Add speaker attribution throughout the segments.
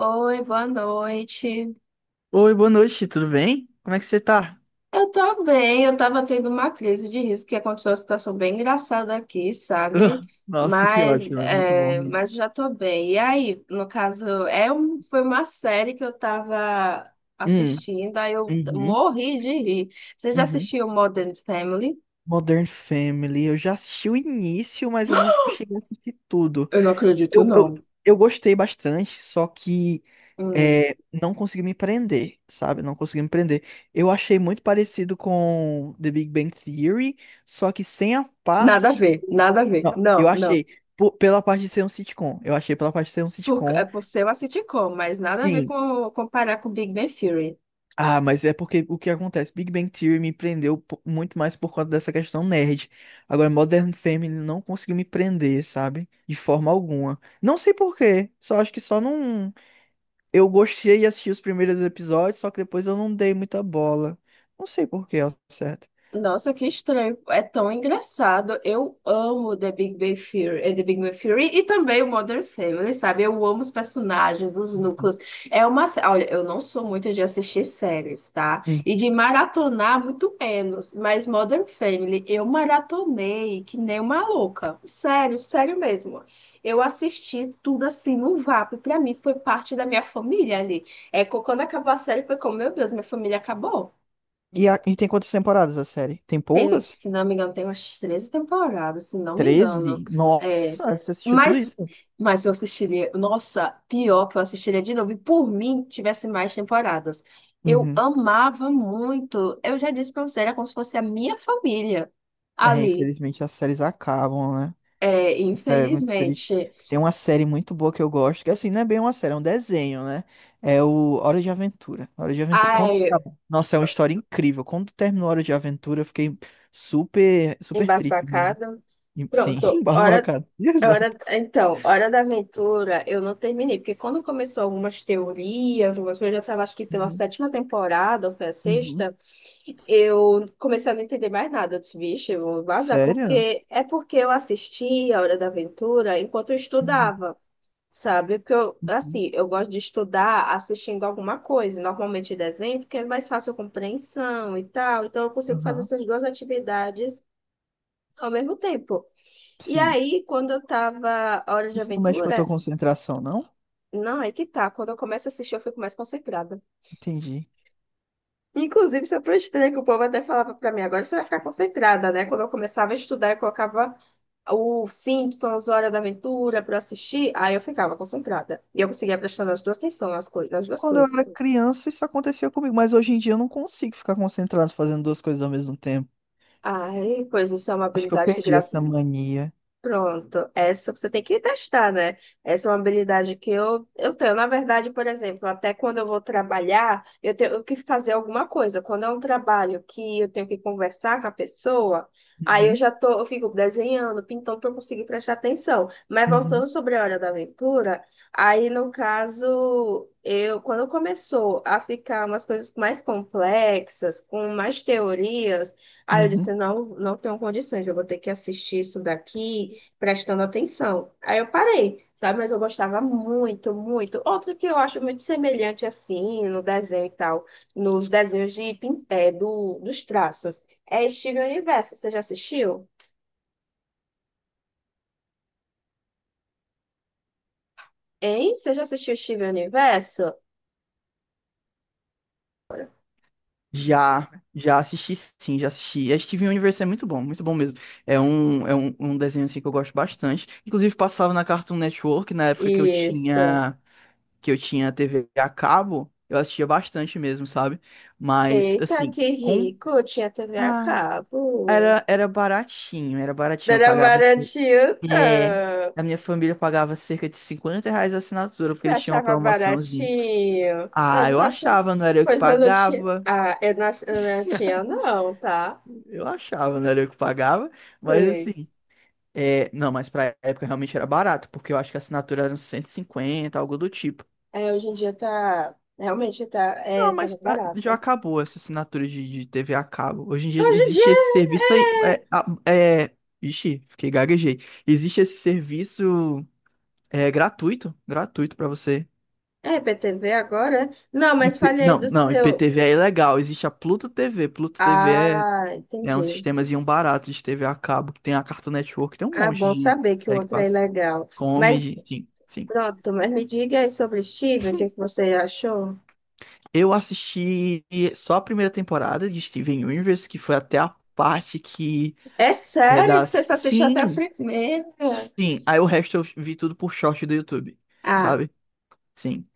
Speaker 1: Oi, boa noite.
Speaker 2: Oi, boa noite, tudo bem? Como é que você tá?
Speaker 1: Eu tô bem, eu tava tendo uma crise de riso que aconteceu uma situação bem engraçada aqui, sabe?
Speaker 2: Nossa, que
Speaker 1: Mas,
Speaker 2: ótimo, é muito bom
Speaker 1: é,
Speaker 2: rir.
Speaker 1: mas já tô bem. E aí, no caso, foi uma série que eu tava
Speaker 2: Hum,
Speaker 1: assistindo, aí eu
Speaker 2: uhum,
Speaker 1: morri de rir. Você já
Speaker 2: uhum.
Speaker 1: assistiu Modern Family?
Speaker 2: Modern Family, eu já assisti o início, mas eu não cheguei a assistir tudo.
Speaker 1: Eu não acredito,
Speaker 2: Eu, eu,
Speaker 1: não.
Speaker 2: eu gostei bastante, só que
Speaker 1: Hum,
Speaker 2: não consegui me prender, sabe? Não consegui me prender. Eu achei muito parecido com The Big Bang Theory, só que sem a
Speaker 1: Nada a
Speaker 2: parte.
Speaker 1: ver, nada a ver.
Speaker 2: Não, eu
Speaker 1: Não, não.
Speaker 2: achei pela parte de ser um sitcom. Eu achei pela parte de ser um
Speaker 1: É
Speaker 2: sitcom.
Speaker 1: por ser uma sitcom, mas nada a ver
Speaker 2: Sim.
Speaker 1: com comparar com Big Bang Theory.
Speaker 2: Ah, mas é porque o que acontece? Big Bang Theory me prendeu muito mais por conta dessa questão nerd. Agora, Modern Family não conseguiu me prender, sabe? De forma alguma. Não sei por quê. Só acho que só não. Eu gostei de assistir os primeiros episódios, só que depois eu não dei muita bola. Não sei por quê, ao certo.
Speaker 1: Nossa, que estranho. É tão engraçado. Eu amo The Big Bang Theory, eh, The Big Bang Theory e também o Modern Family, sabe? Eu amo os personagens, os
Speaker 2: Uhum.
Speaker 1: núcleos. Olha, eu não sou muito de assistir séries, tá?
Speaker 2: Hum.
Speaker 1: E de maratonar muito menos, mas Modern Family eu maratonei que nem uma louca. Sério, sério mesmo. Eu assisti tudo assim no vapo. Pra mim foi parte da minha família ali. Quando acabou a série foi como, meu Deus, minha família acabou.
Speaker 2: E tem quantas temporadas a série? Tem
Speaker 1: Tem,
Speaker 2: poucas?
Speaker 1: se não me engano, tem umas 13 temporadas, se não me engano.
Speaker 2: 13.
Speaker 1: É,
Speaker 2: Nossa, você assistiu tudo
Speaker 1: mas,
Speaker 2: isso?
Speaker 1: mas eu assistiria. Nossa, pior que eu assistiria de novo. E por mim, tivesse mais temporadas. Eu
Speaker 2: Uhum.
Speaker 1: amava muito. Eu já disse pra você, era como se fosse a minha família
Speaker 2: É,
Speaker 1: ali.
Speaker 2: infelizmente as séries acabam, né?
Speaker 1: É,
Speaker 2: É muito triste.
Speaker 1: infelizmente.
Speaker 2: Tem uma série muito boa que eu gosto, que assim, não é bem uma série, é um desenho, né? É o Hora de Aventura. Hora de Aventura.
Speaker 1: Ai,
Speaker 2: Nossa, é uma história incrível. Quando terminou Hora de Aventura, eu fiquei super, super triste mesmo.
Speaker 1: embasbacada.
Speaker 2: Sim,
Speaker 1: Pronto,
Speaker 2: embasbacado. Exato.
Speaker 1: Então, Hora da Aventura eu não terminei, porque quando começou algumas teorias, algumas coisas, eu já estava acho que pela
Speaker 2: Uhum.
Speaker 1: sétima temporada, ou foi a
Speaker 2: Uhum.
Speaker 1: sexta, eu comecei a não entender mais nada. Eu disse, vixe, eu vou vazar,
Speaker 2: Sério?
Speaker 1: porque eu assistia a Hora da Aventura enquanto eu
Speaker 2: Uhum.
Speaker 1: estudava, sabe? Porque eu,
Speaker 2: Uhum.
Speaker 1: assim, eu gosto de estudar assistindo alguma coisa, normalmente desenho, porque é mais fácil a compreensão e tal, então eu consigo fazer
Speaker 2: Aham.
Speaker 1: essas duas atividades ao mesmo tempo. E
Speaker 2: Sim.
Speaker 1: aí, quando eu tava Hora de
Speaker 2: Isso não mexe com a
Speaker 1: Aventura,
Speaker 2: tua concentração, não?
Speaker 1: não, é que tá. Quando eu começo a assistir, eu fico mais concentrada.
Speaker 2: Entendi.
Speaker 1: Inclusive, isso é tão estranho que o povo até falava pra mim, agora você vai ficar concentrada, né? Quando eu começava a estudar, eu colocava o Simpsons, Hora da Aventura pra eu assistir, aí eu ficava concentrada. E eu conseguia prestar nas duas atenção nas duas
Speaker 2: Quando eu
Speaker 1: coisas.
Speaker 2: era criança, isso acontecia comigo, mas hoje em dia eu não consigo ficar concentrado fazendo duas coisas ao mesmo tempo.
Speaker 1: Ai, pois isso é uma
Speaker 2: Acho que eu
Speaker 1: habilidade que,
Speaker 2: perdi
Speaker 1: graças
Speaker 2: essa mania.
Speaker 1: Pronto, essa você tem que testar, né? Essa é uma habilidade que eu tenho. Na verdade, por exemplo, até quando eu vou trabalhar, eu tenho que fazer alguma coisa. Quando é um trabalho que eu tenho que conversar com a pessoa, aí
Speaker 2: Uhum,
Speaker 1: eu fico desenhando, pintando para conseguir prestar atenção. Mas
Speaker 2: uhum,
Speaker 1: voltando sobre a hora da aventura, aí no caso, eu quando começou a ficar umas coisas mais complexas, com mais teorias, aí eu
Speaker 2: uhum.
Speaker 1: disse, não, não tenho condições, eu vou ter que assistir isso daqui prestando atenção. Aí eu parei, sabe? Mas eu gostava muito, muito. Outro que eu acho muito semelhante assim no desenho e tal, nos desenhos de pin- é, do, dos traços, é Steven Universo. Você já assistiu? Hein? Você já assistiu Steven Universo?
Speaker 2: Já, já assisti, sim, já assisti. A Steven Universe é muito bom mesmo. É um desenho assim que eu gosto bastante. Inclusive passava na Cartoon Network na época que eu
Speaker 1: Isso.
Speaker 2: tinha que eu tinha TV a cabo, eu assistia bastante mesmo, sabe? Mas
Speaker 1: Eita,
Speaker 2: assim,
Speaker 1: que
Speaker 2: com
Speaker 1: rico! Tinha TV a
Speaker 2: ah,
Speaker 1: cabo.
Speaker 2: era baratinho, era
Speaker 1: Não
Speaker 2: baratinho, eu
Speaker 1: era
Speaker 2: pagava
Speaker 1: baratinho.
Speaker 2: é, a minha família pagava cerca de R$ 50 a assinatura porque
Speaker 1: Você
Speaker 2: eles tinham uma
Speaker 1: achava
Speaker 2: promoçãozinha.
Speaker 1: baratinho? Eu
Speaker 2: Ah, eu
Speaker 1: não achava.
Speaker 2: achava, não era eu que
Speaker 1: Pois eu não tinha.
Speaker 2: pagava.
Speaker 1: Ah, eu não tinha, não, tá?
Speaker 2: Eu achava, né? Era eu que pagava, mas
Speaker 1: Sim.
Speaker 2: assim, não, mas pra época realmente era barato, porque eu acho que a assinatura era uns 150, algo do tipo.
Speaker 1: É, hoje em dia tá. Realmente tá, é,
Speaker 2: Não,
Speaker 1: tá
Speaker 2: mas ah, já
Speaker 1: barato.
Speaker 2: acabou essa assinatura de TV a cabo. Hoje em dia
Speaker 1: Hoje em
Speaker 2: existe esse
Speaker 1: dia
Speaker 2: serviço aí.
Speaker 1: é.
Speaker 2: É, ixi, fiquei gaguejei. Existe esse serviço gratuito, gratuito pra você.
Speaker 1: É PTV agora? É? Não, mas
Speaker 2: IP
Speaker 1: fale aí
Speaker 2: não,
Speaker 1: do
Speaker 2: não,
Speaker 1: seu.
Speaker 2: IPTV é ilegal. Existe a Pluto TV. Pluto TV é,
Speaker 1: Ah,
Speaker 2: é um
Speaker 1: entendi.
Speaker 2: sistemazinho barato de TV a cabo, que tem a Cartoon Network, tem um
Speaker 1: Ah,
Speaker 2: monte
Speaker 1: bom
Speaker 2: de
Speaker 1: saber que o
Speaker 2: série que
Speaker 1: outro é
Speaker 2: passa.
Speaker 1: ilegal. Mas
Speaker 2: Comedy, sim, sim.
Speaker 1: pronto, me diga aí sobre Steven, o que é que você achou?
Speaker 2: Eu assisti só a primeira temporada de Steven Universe, que foi até a parte que
Speaker 1: É
Speaker 2: é
Speaker 1: sério que você
Speaker 2: das.
Speaker 1: só assistiu até a
Speaker 2: Sim,
Speaker 1: primeira?
Speaker 2: sim. Aí o resto eu vi tudo por short do YouTube,
Speaker 1: Ah,
Speaker 2: sabe? Sim.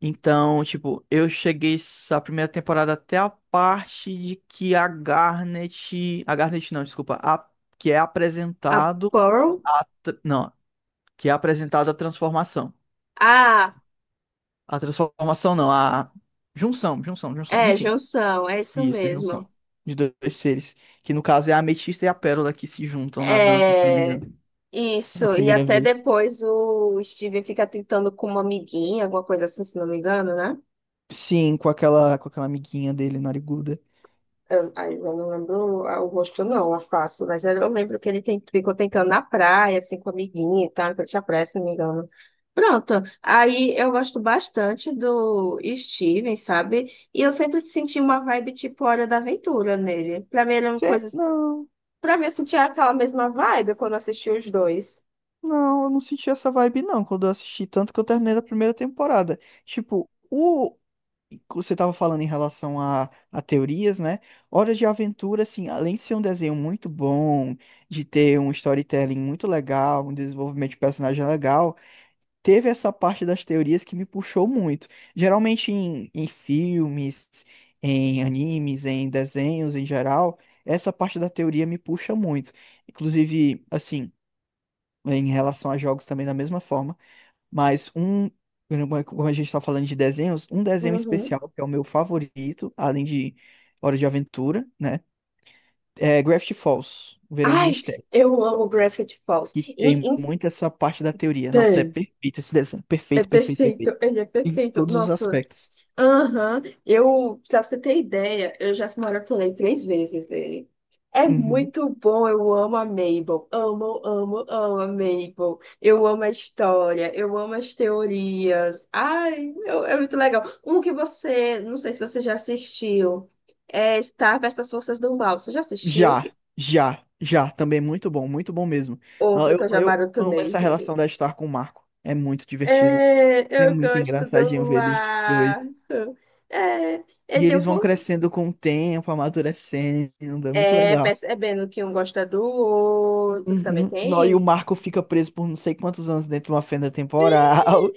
Speaker 2: Então, tipo, eu cheguei a primeira temporada até a parte de que a Garnet. A Garnet não, desculpa. A... Que é
Speaker 1: a
Speaker 2: apresentado
Speaker 1: Pearl?
Speaker 2: Não, que é apresentado a transformação.
Speaker 1: Ah,
Speaker 2: A transformação não, a. Junção, junção, junção,
Speaker 1: é,
Speaker 2: enfim.
Speaker 1: junção, é isso
Speaker 2: Isso,
Speaker 1: mesmo.
Speaker 2: junção. De dois seres. Que no caso é a ametista e a pérola que se juntam na dança, se não me
Speaker 1: É,
Speaker 2: engano. A
Speaker 1: isso, e
Speaker 2: primeira
Speaker 1: até
Speaker 2: vez.
Speaker 1: depois o Steven fica tentando com uma amiguinha, alguma coisa assim, se não me engano, né?
Speaker 2: Sim, com aquela amiguinha dele, nariguda.
Speaker 1: Aí eu não lembro o rosto, não, a face, mas eu lembro que ficou tentando na praia, assim, com a amiguinha e tal, em frente à praia, se não me engano. Pronto, aí eu gosto bastante do Steven, sabe? E eu sempre senti uma vibe tipo Hora da Aventura nele. Pra mim ele é uma
Speaker 2: Gente,
Speaker 1: coisa
Speaker 2: não,
Speaker 1: Pra mim, eu sentia aquela mesma vibe quando assisti os dois.
Speaker 2: não, eu não senti essa vibe não quando eu assisti, tanto que eu terminei da primeira temporada. Tipo, o você tava falando em relação a teorias, né? Horas de Aventura, assim, além de ser um desenho muito bom, de ter um storytelling muito legal, um desenvolvimento de personagem legal. Teve essa parte das teorias que me puxou muito. Geralmente em filmes, em animes, em desenhos em geral, essa parte da teoria me puxa muito. Inclusive, assim, em relação a jogos também da mesma forma, mas um, como a gente está falando de desenhos, um desenho
Speaker 1: Uhum.
Speaker 2: especial que é o meu favorito, além de Hora de Aventura, né? É Gravity Falls, O Verão de
Speaker 1: Ai,
Speaker 2: Mistério.
Speaker 1: eu amo Gravity Falls.
Speaker 2: Que
Speaker 1: E
Speaker 2: tem muito essa parte da teoria. Nossa, é
Speaker 1: então,
Speaker 2: perfeito esse desenho.
Speaker 1: é
Speaker 2: Perfeito, perfeito, perfeito.
Speaker 1: perfeito, ele é
Speaker 2: Em
Speaker 1: perfeito.
Speaker 2: todos os
Speaker 1: Nossa.
Speaker 2: aspectos.
Speaker 1: Aham. Eu, pra você ter ideia, eu já maratonei três vezes ele. É
Speaker 2: Uhum.
Speaker 1: muito bom, eu amo a Mabel. Amo, amo, amo a Mabel. Eu amo a história, eu amo as teorias. Ai, é muito legal. Um que você, não sei se você já assistiu, é Star versus as Forças do Mal. Você já assistiu?
Speaker 2: Já, já, já. Também é muito bom mesmo. Ó,
Speaker 1: Outro
Speaker 2: Eu,
Speaker 1: que eu já
Speaker 2: eu amo
Speaker 1: maratonei.
Speaker 2: essa relação da Star com o Marco. É muito divertido.
Speaker 1: É,
Speaker 2: É
Speaker 1: eu
Speaker 2: muito
Speaker 1: gosto
Speaker 2: engraçadinho
Speaker 1: do
Speaker 2: ver eles
Speaker 1: mar.
Speaker 2: dois.
Speaker 1: É, é,
Speaker 2: E
Speaker 1: eu
Speaker 2: eles vão
Speaker 1: vou
Speaker 2: crescendo com o tempo, amadurecendo. É muito legal.
Speaker 1: Percebendo que um gosta do outro, que também
Speaker 2: Uhum. Nó, e o
Speaker 1: tem.
Speaker 2: Marco fica preso por não sei quantos anos dentro de uma fenda temporal.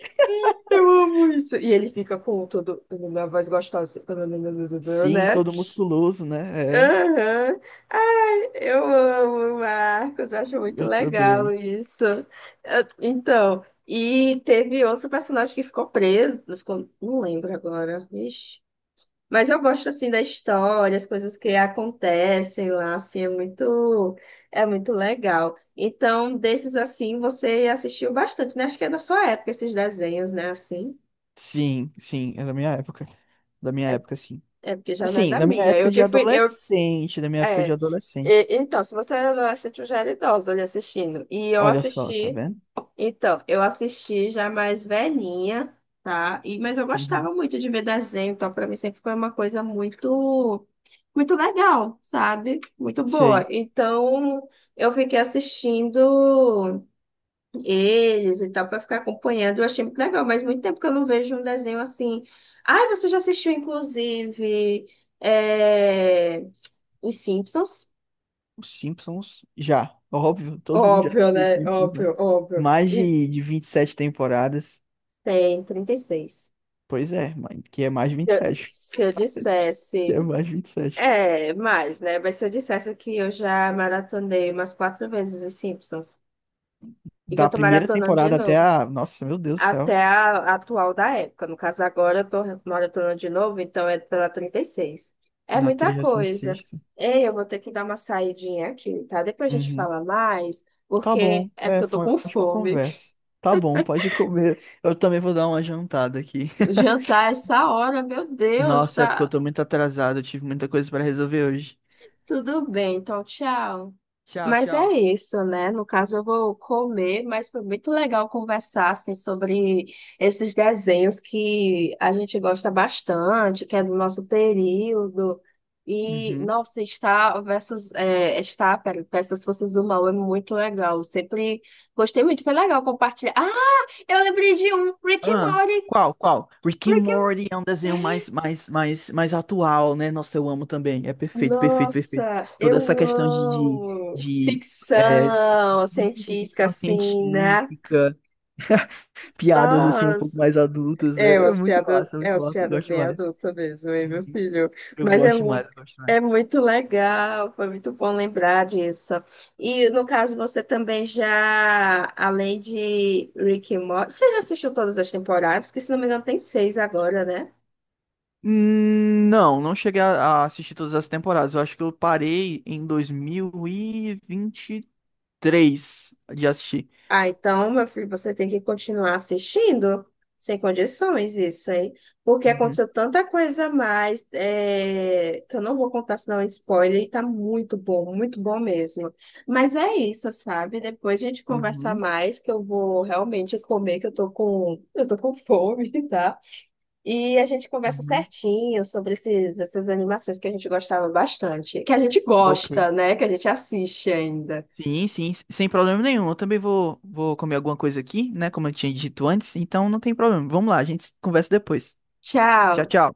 Speaker 1: Eu amo isso. E ele fica com todo na voz gostosa,
Speaker 2: Sim,
Speaker 1: né?
Speaker 2: todo musculoso, né? É,
Speaker 1: Aham. Ai, eu amo, Marcos. Eu acho muito
Speaker 2: eu
Speaker 1: legal
Speaker 2: também.
Speaker 1: isso. Então, e teve outro personagem que ficou preso. Não ficou, não lembro agora. Ixi. Mas eu gosto assim da história, as coisas que acontecem lá, assim, é muito legal. Então, desses assim, você assistiu bastante, né? Acho que é da sua época esses desenhos, né? Assim,
Speaker 2: Sim, sim, é da minha época. Da minha época, sim.
Speaker 1: é porque já não é
Speaker 2: Assim,
Speaker 1: da
Speaker 2: na minha
Speaker 1: minha. Eu
Speaker 2: época de
Speaker 1: que fui, eu
Speaker 2: adolescente, na minha época de
Speaker 1: É.
Speaker 2: adolescente.
Speaker 1: Então, se você era adolescente, eu já era idosa ali assistindo. E eu
Speaker 2: Olha só, tá
Speaker 1: assisti,
Speaker 2: vendo?
Speaker 1: então, eu assisti já mais velhinha, tá? Mas eu
Speaker 2: Uhum.
Speaker 1: gostava muito de ver desenho, então pra mim sempre foi uma coisa muito, muito legal, sabe? Muito boa.
Speaker 2: Sei.
Speaker 1: Então, eu fiquei assistindo eles e tal, pra ficar acompanhando. Eu achei muito legal, mas muito tempo que eu não vejo um desenho assim. Ai, você já assistiu, inclusive, é... Os Simpsons?
Speaker 2: Os Simpsons, já. Óbvio, todo mundo já
Speaker 1: Óbvio,
Speaker 2: assistiu os
Speaker 1: né?
Speaker 2: Simpsons, né?
Speaker 1: Óbvio, óbvio.
Speaker 2: Mais de 27 temporadas.
Speaker 1: Tem 36.
Speaker 2: Pois é, mãe, que é mais de vinte
Speaker 1: se
Speaker 2: e
Speaker 1: eu,
Speaker 2: sete
Speaker 1: se eu
Speaker 2: Que é
Speaker 1: dissesse.
Speaker 2: mais de vinte e sete.
Speaker 1: É, mais, né? Mas se eu dissesse que eu já maratonei umas quatro vezes os Simpsons e que eu
Speaker 2: Da
Speaker 1: tô
Speaker 2: primeira
Speaker 1: maratonando de
Speaker 2: temporada até
Speaker 1: novo.
Speaker 2: a. Nossa, meu Deus do
Speaker 1: Até
Speaker 2: céu.
Speaker 1: a atual da época. No caso, agora eu tô maratonando de novo, então é pela 36. É
Speaker 2: Na
Speaker 1: muita coisa.
Speaker 2: 36ª.
Speaker 1: Ei, eu vou ter que dar uma saidinha aqui, tá? Depois a gente
Speaker 2: Uhum.
Speaker 1: fala mais,
Speaker 2: Tá
Speaker 1: porque
Speaker 2: bom.
Speaker 1: é porque
Speaker 2: É,
Speaker 1: eu tô
Speaker 2: foi uma
Speaker 1: com
Speaker 2: ótima
Speaker 1: fome.
Speaker 2: conversa. Tá bom, pode comer. Eu também vou dar uma jantada aqui.
Speaker 1: Jantar é essa hora, meu Deus,
Speaker 2: Nossa, é porque eu
Speaker 1: tá?
Speaker 2: tô muito atrasado, eu tive muita coisa pra resolver hoje.
Speaker 1: Tudo bem, então tchau.
Speaker 2: Tchau,
Speaker 1: Mas é
Speaker 2: tchau.
Speaker 1: isso, né? No caso, eu vou comer, mas foi muito legal conversar assim, sobre esses desenhos que a gente gosta bastante, que é do nosso período. E,
Speaker 2: Uhum.
Speaker 1: nossa, Star versus Forças do Mal é muito legal. Eu sempre gostei muito, foi legal compartilhar. Ah, eu lembrei de um, Rick e
Speaker 2: Ah,
Speaker 1: Morty.
Speaker 2: qual, qual? Rick and
Speaker 1: Rick
Speaker 2: Morty é um desenho mais, mais, mais, mais atual, né? Nossa, eu amo também. É perfeito, perfeito, perfeito.
Speaker 1: Nossa,
Speaker 2: Toda essa
Speaker 1: eu
Speaker 2: questão de, de,
Speaker 1: amo
Speaker 2: de é,
Speaker 1: ficção
Speaker 2: isso,
Speaker 1: científica,
Speaker 2: ficção
Speaker 1: assim, né?
Speaker 2: científica. Piadas assim um pouco
Speaker 1: Nossa,
Speaker 2: mais adultas, né?
Speaker 1: é umas piadas,
Speaker 2: É
Speaker 1: é
Speaker 2: muito
Speaker 1: umas
Speaker 2: massa, eu
Speaker 1: piadas
Speaker 2: gosto
Speaker 1: bem
Speaker 2: mais.
Speaker 1: adultas mesmo, hein, meu
Speaker 2: Uhum.
Speaker 1: filho?
Speaker 2: Eu
Speaker 1: Mas
Speaker 2: gosto mais, eu gosto mais.
Speaker 1: é muito legal, foi muito bom lembrar disso. E no caso, você também já, além de Rick and Morty, você já assistiu todas as temporadas? Que se não me engano tem seis agora, né?
Speaker 2: Não, não cheguei a assistir todas as temporadas. Eu acho que eu parei em 2023 de assistir.
Speaker 1: Ah, então, meu filho, você tem que continuar assistindo sem condições isso aí, porque
Speaker 2: Uhum,
Speaker 1: aconteceu tanta coisa a mais é, que eu não vou contar senão é um spoiler e tá muito bom mesmo. Mas é isso, sabe? Depois a gente conversa
Speaker 2: uhum,
Speaker 1: mais, que eu vou realmente comer, que eu tô com fome, tá? E a gente conversa
Speaker 2: uhum.
Speaker 1: certinho sobre esses, essas animações que a gente gostava bastante, que a gente
Speaker 2: Ok.
Speaker 1: gosta, né? Que a gente assiste ainda.
Speaker 2: Sim, sim, s- sem problema nenhum. Eu também vou comer alguma coisa aqui, né? Como eu tinha dito antes, então não tem problema. Vamos lá, a gente conversa depois. Tchau,
Speaker 1: Tchau!
Speaker 2: tchau.